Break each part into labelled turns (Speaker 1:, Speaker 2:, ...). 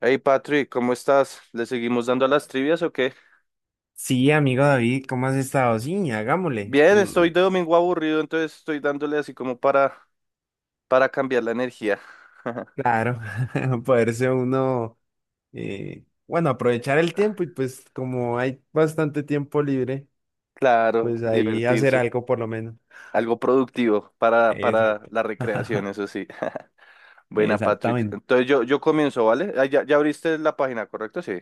Speaker 1: Hey Patrick, ¿cómo estás? ¿Le seguimos dando a las trivias o qué?
Speaker 2: Sí, amigo David, ¿cómo has estado? Sí, hagámosle.
Speaker 1: Bien, estoy de domingo aburrido, entonces estoy dándole así como para cambiar la energía.
Speaker 2: Claro, poderse uno, bueno, aprovechar el tiempo y pues como hay bastante tiempo libre,
Speaker 1: Claro,
Speaker 2: pues ahí hacer
Speaker 1: divertirse.
Speaker 2: algo por lo menos.
Speaker 1: Algo productivo para
Speaker 2: Exacto.
Speaker 1: la recreación, eso sí. Buena, Patrick.
Speaker 2: Exactamente.
Speaker 1: Entonces yo comienzo, ¿vale? Ah, ya abriste la página, ¿correcto? Sí.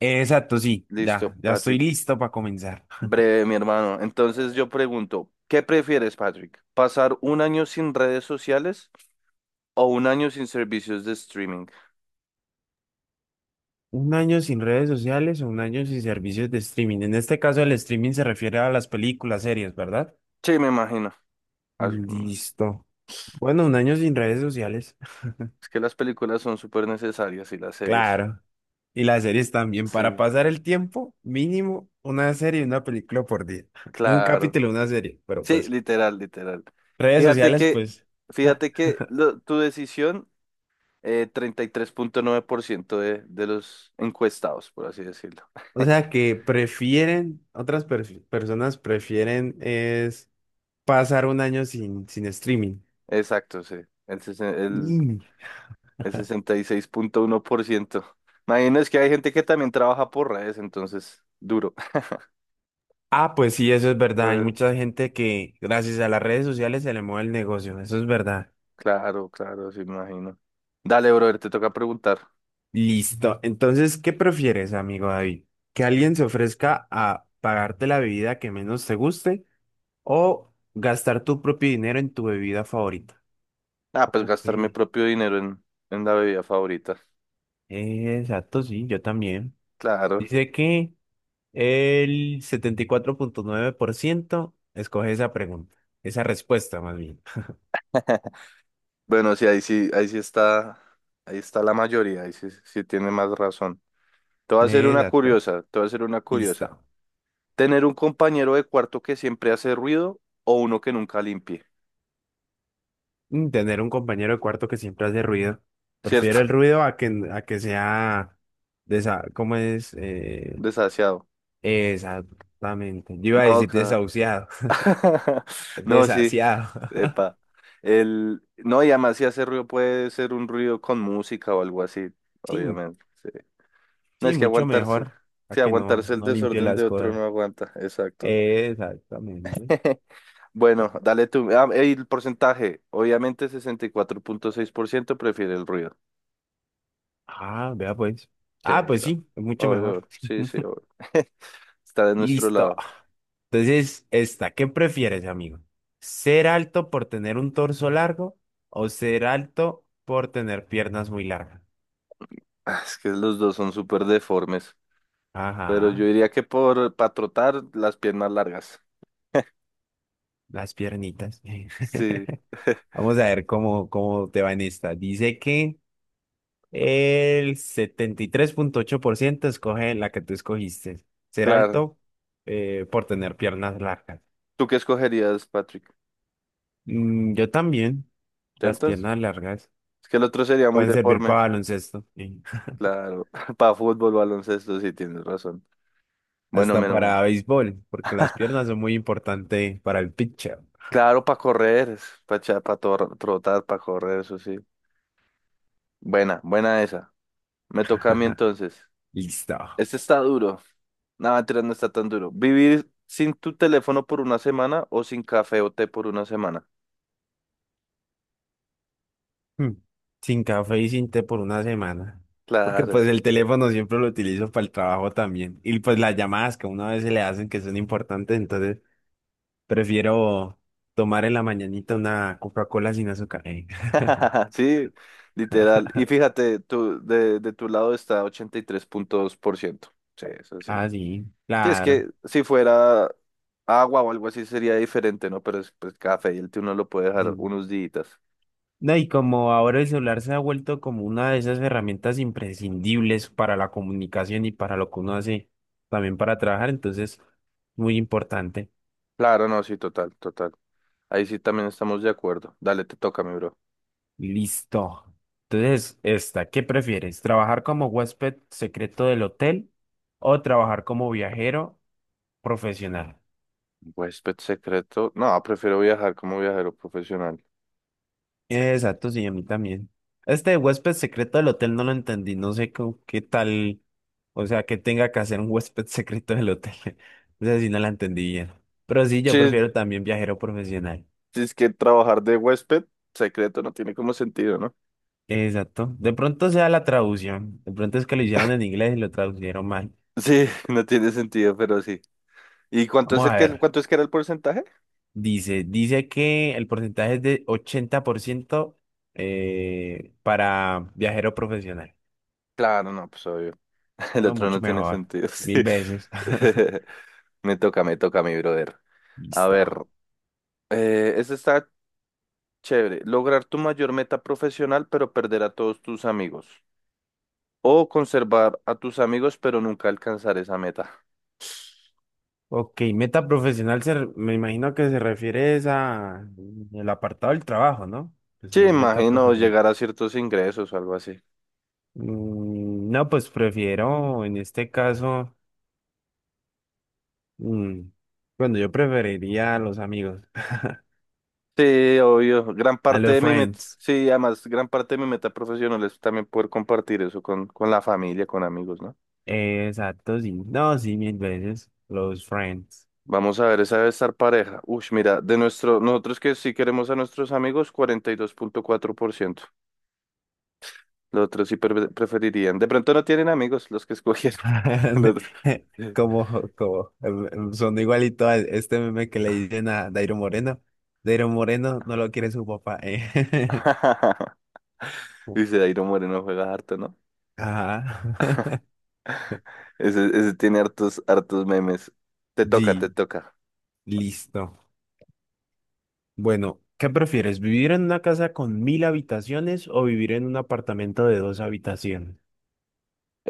Speaker 2: Exacto, sí,
Speaker 1: Listo,
Speaker 2: ya, ya estoy
Speaker 1: Patrick.
Speaker 2: listo para comenzar.
Speaker 1: Breve, mi hermano. Entonces yo pregunto, ¿qué prefieres, Patrick? ¿Pasar un año sin redes sociales o un año sin servicios de streaming?
Speaker 2: Un año sin redes sociales o un año sin servicios de streaming. En este caso, el streaming se refiere a las películas, series, ¿verdad?
Speaker 1: Sí, me imagino.
Speaker 2: Listo. Bueno, un año sin redes sociales.
Speaker 1: Es que las películas son súper necesarias y las series.
Speaker 2: Claro. Y las series también, para
Speaker 1: Sí,
Speaker 2: pasar el tiempo, mínimo una serie y una película por día. Un
Speaker 1: claro.
Speaker 2: capítulo, una serie. Pero
Speaker 1: Sí,
Speaker 2: pues,
Speaker 1: literal, literal.
Speaker 2: redes
Speaker 1: Fíjate
Speaker 2: sociales,
Speaker 1: que,
Speaker 2: pues. Ah.
Speaker 1: tu decisión 33,9% de los encuestados, por así decirlo.
Speaker 2: O sea que prefieren, otras personas prefieren es pasar un año sin streaming.
Speaker 1: Exacto, sí. El, sesen- el,
Speaker 2: Mm.
Speaker 1: el 66,1%. Imagino es que hay gente que también trabaja por redes, entonces, duro.
Speaker 2: Ah, pues sí, eso es verdad. Hay
Speaker 1: Bueno,
Speaker 2: mucha gente que gracias a las redes sociales se le mueve el negocio. Eso es verdad.
Speaker 1: claro, claro, sí, me imagino. Dale, brother, te toca preguntar.
Speaker 2: Listo. Entonces, ¿qué prefieres, amigo David? ¿Que alguien se ofrezca a pagarte la bebida que menos te guste o gastar tu propio dinero en tu bebida favorita?
Speaker 1: Ah, pues
Speaker 2: Ok.
Speaker 1: gastar mi propio dinero en la bebida favorita.
Speaker 2: Exacto, sí, yo también.
Speaker 1: Claro.
Speaker 2: Dice que el 74.9% escoge esa pregunta, esa respuesta más bien.
Speaker 1: Bueno, sí, ahí sí está, ahí está la mayoría, ahí sí, sí tiene más razón. Te voy a hacer una
Speaker 2: Exacto.
Speaker 1: curiosa, te voy a hacer una curiosa.
Speaker 2: Listo.
Speaker 1: Tener un compañero de cuarto que siempre hace ruido o uno que nunca limpie,
Speaker 2: Tener un compañero de cuarto que siempre hace ruido. Prefiero
Speaker 1: ¿cierto?
Speaker 2: el ruido a que sea. De esa, ¿cómo es?
Speaker 1: Desasiado.
Speaker 2: Exactamente. Yo iba a
Speaker 1: No,
Speaker 2: decir
Speaker 1: claro.
Speaker 2: desahuciado,
Speaker 1: No, sí.
Speaker 2: desasiado.
Speaker 1: Epa. El... No, y además si hace ruido puede ser un ruido con música o algo así,
Speaker 2: Sí,
Speaker 1: obviamente. Sí. No
Speaker 2: sí,
Speaker 1: es que
Speaker 2: mucho
Speaker 1: aguantarse.
Speaker 2: mejor a
Speaker 1: Sí,
Speaker 2: que no,
Speaker 1: aguantarse el
Speaker 2: no limpie
Speaker 1: desorden de
Speaker 2: las
Speaker 1: otro
Speaker 2: cosas.
Speaker 1: no aguanta. Exacto.
Speaker 2: Exactamente.
Speaker 1: Bueno, dale tú. Ah, el porcentaje. Obviamente 64,6% prefiere el ruido.
Speaker 2: Ah, vea pues.
Speaker 1: Sí,
Speaker 2: Ah,
Speaker 1: ahí
Speaker 2: pues
Speaker 1: está.
Speaker 2: sí, es mucho mejor.
Speaker 1: Obvio. Sí, sí, obvio. Está de nuestro
Speaker 2: Listo.
Speaker 1: lado.
Speaker 2: Entonces, esta, ¿qué prefieres, amigo? ¿Ser alto por tener un torso largo o ser alto por tener piernas muy largas?
Speaker 1: Ah, es que los dos son súper deformes. Pero yo
Speaker 2: Ajá,
Speaker 1: diría que por para trotar las piernas largas.
Speaker 2: las piernitas.
Speaker 1: Sí,
Speaker 2: Vamos a ver cómo te va en esta. Dice que... El 73.8% escoge la que tú escogiste. Ser
Speaker 1: claro.
Speaker 2: alto por tener piernas largas.
Speaker 1: ¿Tú qué escogerías, Patrick?
Speaker 2: Yo también. Las
Speaker 1: ¿Cierto? Es
Speaker 2: piernas largas
Speaker 1: que el otro sería muy
Speaker 2: pueden servir
Speaker 1: deforme.
Speaker 2: para baloncesto, y
Speaker 1: Claro. Para fútbol, baloncesto, sí tienes razón. Bueno, mi
Speaker 2: hasta
Speaker 1: hermano.
Speaker 2: para béisbol, porque las piernas son muy importantes para el pitcher.
Speaker 1: Claro, para correr, para trotar, para correr, eso sí. Buena, buena esa. Me toca a mí entonces.
Speaker 2: Listo.
Speaker 1: Este está duro. No, mentira, no está tan duro. ¿Vivir sin tu teléfono por una semana o sin café o té por una semana?
Speaker 2: Hmm. Sin café y sin té por una semana. Porque
Speaker 1: Claro.
Speaker 2: pues el teléfono siempre lo utilizo para el trabajo también. Y pues las llamadas que una vez se le hacen que son importantes, entonces prefiero tomar en la mañanita una Coca-Cola sin azúcar.
Speaker 1: Sí, literal. Y fíjate, tú, de tu lado está 83,2%. Sí, eso sí.
Speaker 2: Ah, sí,
Speaker 1: Sí, es
Speaker 2: claro.
Speaker 1: que si fuera agua o algo así sería diferente, ¿no? Pero es pues, café y el té uno lo puede dejar
Speaker 2: Sí.
Speaker 1: unos días.
Speaker 2: No, y como ahora el celular se ha vuelto como una de esas herramientas imprescindibles para la comunicación y para lo que uno hace también para trabajar, entonces, muy importante.
Speaker 1: Claro, no, sí, total, total. Ahí sí también estamos de acuerdo. Dale, te toca, mi bro.
Speaker 2: Listo. Entonces, esta, ¿qué prefieres? ¿Trabajar como huésped secreto del hotel o trabajar como viajero profesional?
Speaker 1: Huésped secreto. No, prefiero viajar como viajero profesional.
Speaker 2: Exacto, sí, a mí también. Este de huésped secreto del hotel no lo entendí, no sé qué tal, o sea, que tenga que hacer un huésped secreto del hotel. O sea, sí no la entendí bien. Pero sí, yo
Speaker 1: Sí,
Speaker 2: prefiero también viajero profesional.
Speaker 1: es que trabajar de huésped secreto no tiene como sentido, ¿no?
Speaker 2: Exacto. De pronto sea la traducción. De pronto es que lo hicieron en inglés y lo traducieron mal.
Speaker 1: Sí, no tiene sentido, pero sí. ¿Y cuánto es
Speaker 2: Vamos a ver.
Speaker 1: cuánto es que era el porcentaje?
Speaker 2: Dice que el porcentaje es de 80% para viajero profesional.
Speaker 1: Claro, no, pues obvio. El
Speaker 2: No,
Speaker 1: otro no
Speaker 2: mucho
Speaker 1: tiene
Speaker 2: mejor.
Speaker 1: sentido, sí.
Speaker 2: Mil veces.
Speaker 1: Me toca, mi brother. A
Speaker 2: Listo.
Speaker 1: ver, este está chévere. Lograr tu mayor meta profesional, pero perder a todos tus amigos. O conservar a tus amigos pero nunca alcanzar esa meta.
Speaker 2: Ok, meta profesional me imagino que se refiere es a el apartado del trabajo, ¿no? Pues
Speaker 1: Sí,
Speaker 2: sí, es meta
Speaker 1: imagino
Speaker 2: profesional.
Speaker 1: llegar a ciertos ingresos o algo así.
Speaker 2: No, pues prefiero en este caso, mm, bueno, yo preferiría a los amigos,
Speaker 1: Sí, obvio. Gran
Speaker 2: a
Speaker 1: parte
Speaker 2: los
Speaker 1: de mi meta,
Speaker 2: friends.
Speaker 1: sí, además, gran parte de mi meta profesional es también poder compartir eso con la familia, con amigos, ¿no?
Speaker 2: Exacto, sí. No, sí, mil veces, los friends.
Speaker 1: Vamos a ver, esa debe estar pareja. Uy, mira, nosotros que sí queremos a nuestros amigos, 42,4%. Los otros sí preferirían. De pronto no tienen amigos los que escogieron. Los otro.
Speaker 2: Como son igualito a este meme que le dicen a Dairo Moreno. Dairo Moreno no lo quiere su papá, eh.
Speaker 1: Dice, Dairo Moreno juega harto, ¿no?
Speaker 2: Ah,
Speaker 1: Ese tiene hartos, hartos memes. Te toca, te
Speaker 2: di,
Speaker 1: toca.
Speaker 2: listo. Bueno, ¿qué prefieres? ¿Vivir en una casa con mil habitaciones o vivir en un apartamento de dos habitaciones?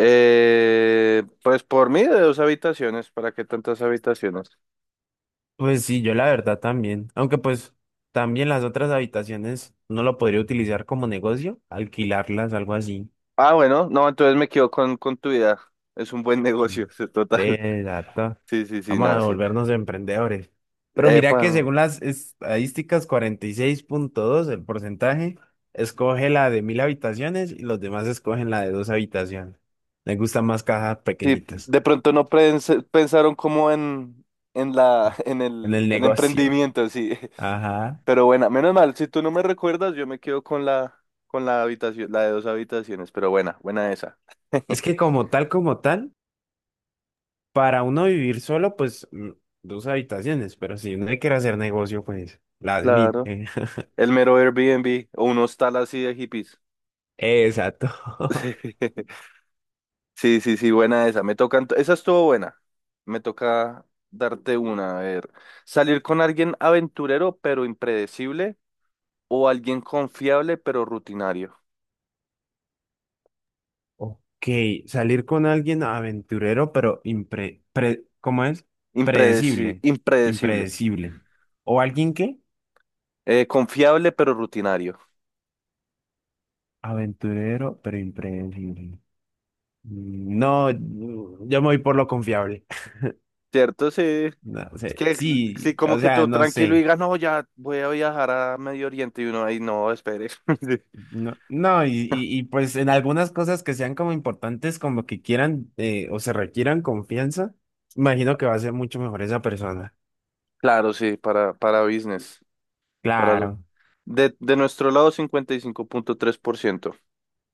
Speaker 1: Pues por mí de dos habitaciones, ¿para qué tantas habitaciones?
Speaker 2: Pues sí, yo la verdad también. Aunque pues también las otras habitaciones no lo podría utilizar como negocio, alquilarlas, algo así.
Speaker 1: Ah, bueno, no, entonces me quedo con tu idea. Es un buen negocio, total.
Speaker 2: De dato.
Speaker 1: Sí, sí, sí,
Speaker 2: Vamos
Speaker 1: no,
Speaker 2: a
Speaker 1: sí.
Speaker 2: volvernos emprendedores. Pero mira que
Speaker 1: Bueno,
Speaker 2: según las estadísticas, 46.2 el porcentaje, escoge la de mil habitaciones y los demás escogen la de dos habitaciones. Les gustan más cajas
Speaker 1: sí,
Speaker 2: pequeñitas
Speaker 1: de pronto no pensaron como en la, en
Speaker 2: en el
Speaker 1: el
Speaker 2: negocio.
Speaker 1: emprendimiento, sí.
Speaker 2: Ajá.
Speaker 1: Pero bueno, menos mal, si tú no me recuerdas, yo me quedo con con la habitación, la de dos habitaciones, pero buena, buena esa.
Speaker 2: Es que como tal, para uno vivir solo, pues dos habitaciones, pero si uno quiere hacer negocio, pues las mil.
Speaker 1: Claro. El mero Airbnb o unos tal así de hippies.
Speaker 2: Exacto.
Speaker 1: Sí, sí, sí, buena esa. Me toca, esa estuvo buena. Me toca darte una. A ver, salir con alguien aventurero pero impredecible o alguien confiable pero rutinario.
Speaker 2: Ok, salir con alguien aventurero, pero ¿cómo es? Predecible,
Speaker 1: Impredecible.
Speaker 2: impredecible. ¿O alguien qué?
Speaker 1: Confiable pero rutinario.
Speaker 2: Aventurero, pero impredecible. No, yo me voy por lo confiable.
Speaker 1: ¿Cierto? Sí.
Speaker 2: No
Speaker 1: Es
Speaker 2: sé,
Speaker 1: que
Speaker 2: sí,
Speaker 1: sí, como
Speaker 2: o
Speaker 1: que
Speaker 2: sea,
Speaker 1: todo
Speaker 2: no
Speaker 1: tranquilo y
Speaker 2: sé.
Speaker 1: digas, no, ya voy a viajar a Medio Oriente y uno ahí, no, espere.
Speaker 2: No, no, y, pues en algunas cosas que sean como importantes, como que quieran o se requieran confianza, imagino que va a ser mucho mejor esa persona.
Speaker 1: Claro, sí, para business. Para,
Speaker 2: Claro.
Speaker 1: de nuestro lado, 55,3%.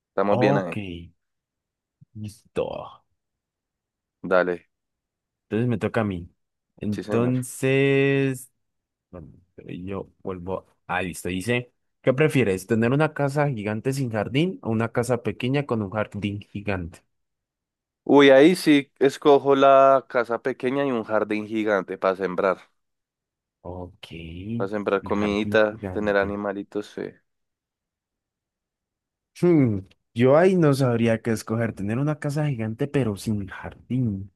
Speaker 1: Estamos bien
Speaker 2: Ok,
Speaker 1: ahí.
Speaker 2: listo.
Speaker 1: Dale,
Speaker 2: Entonces me toca a mí.
Speaker 1: sí, señor.
Speaker 2: Entonces, bueno, pero yo vuelvo. Ah, listo. Dice, ¿qué prefieres? ¿Tener una casa gigante sin jardín o una casa pequeña con un jardín gigante?
Speaker 1: Uy, ahí sí escojo la casa pequeña y un jardín gigante para sembrar.
Speaker 2: Ok,
Speaker 1: Para sembrar
Speaker 2: un jardín
Speaker 1: comidita, tener
Speaker 2: gigante.
Speaker 1: animalitos. Sí.
Speaker 2: Hmm. Yo ahí no sabría qué escoger. Tener una casa gigante pero sin jardín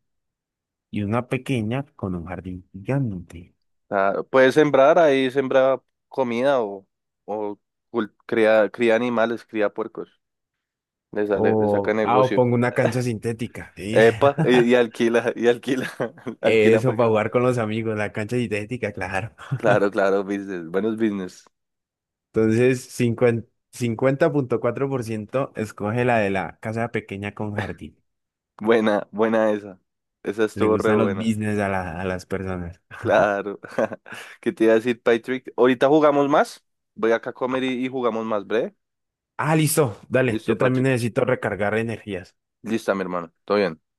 Speaker 2: y una pequeña con un jardín gigante.
Speaker 1: Ah, puedes sembrar ahí, sembra comida o cría animales, cría puercos. Le sale, le saca
Speaker 2: O, ah, o
Speaker 1: negocio.
Speaker 2: pongo una cancha sintética. ¿Sí?
Speaker 1: Epa, y alquila, y alquila, alquila
Speaker 2: Eso
Speaker 1: para
Speaker 2: para
Speaker 1: que.
Speaker 2: jugar con los amigos, la cancha sintética, claro.
Speaker 1: Claro, claro, business, buenos business.
Speaker 2: Entonces, cincuenta punto cuatro por ciento escoge la de la casa pequeña con jardín.
Speaker 1: Buena, buena esa. Esa
Speaker 2: Le
Speaker 1: estuvo re
Speaker 2: gustan los
Speaker 1: buena.
Speaker 2: business a, a las personas.
Speaker 1: Claro. ¿Qué te iba a decir, Patrick? Ahorita jugamos más. Voy acá a comer y jugamos más, breve.
Speaker 2: Ah, listo, dale,
Speaker 1: Listo,
Speaker 2: yo también
Speaker 1: Patrick.
Speaker 2: necesito recargar energías.
Speaker 1: Listo, mi hermano. Todo bien.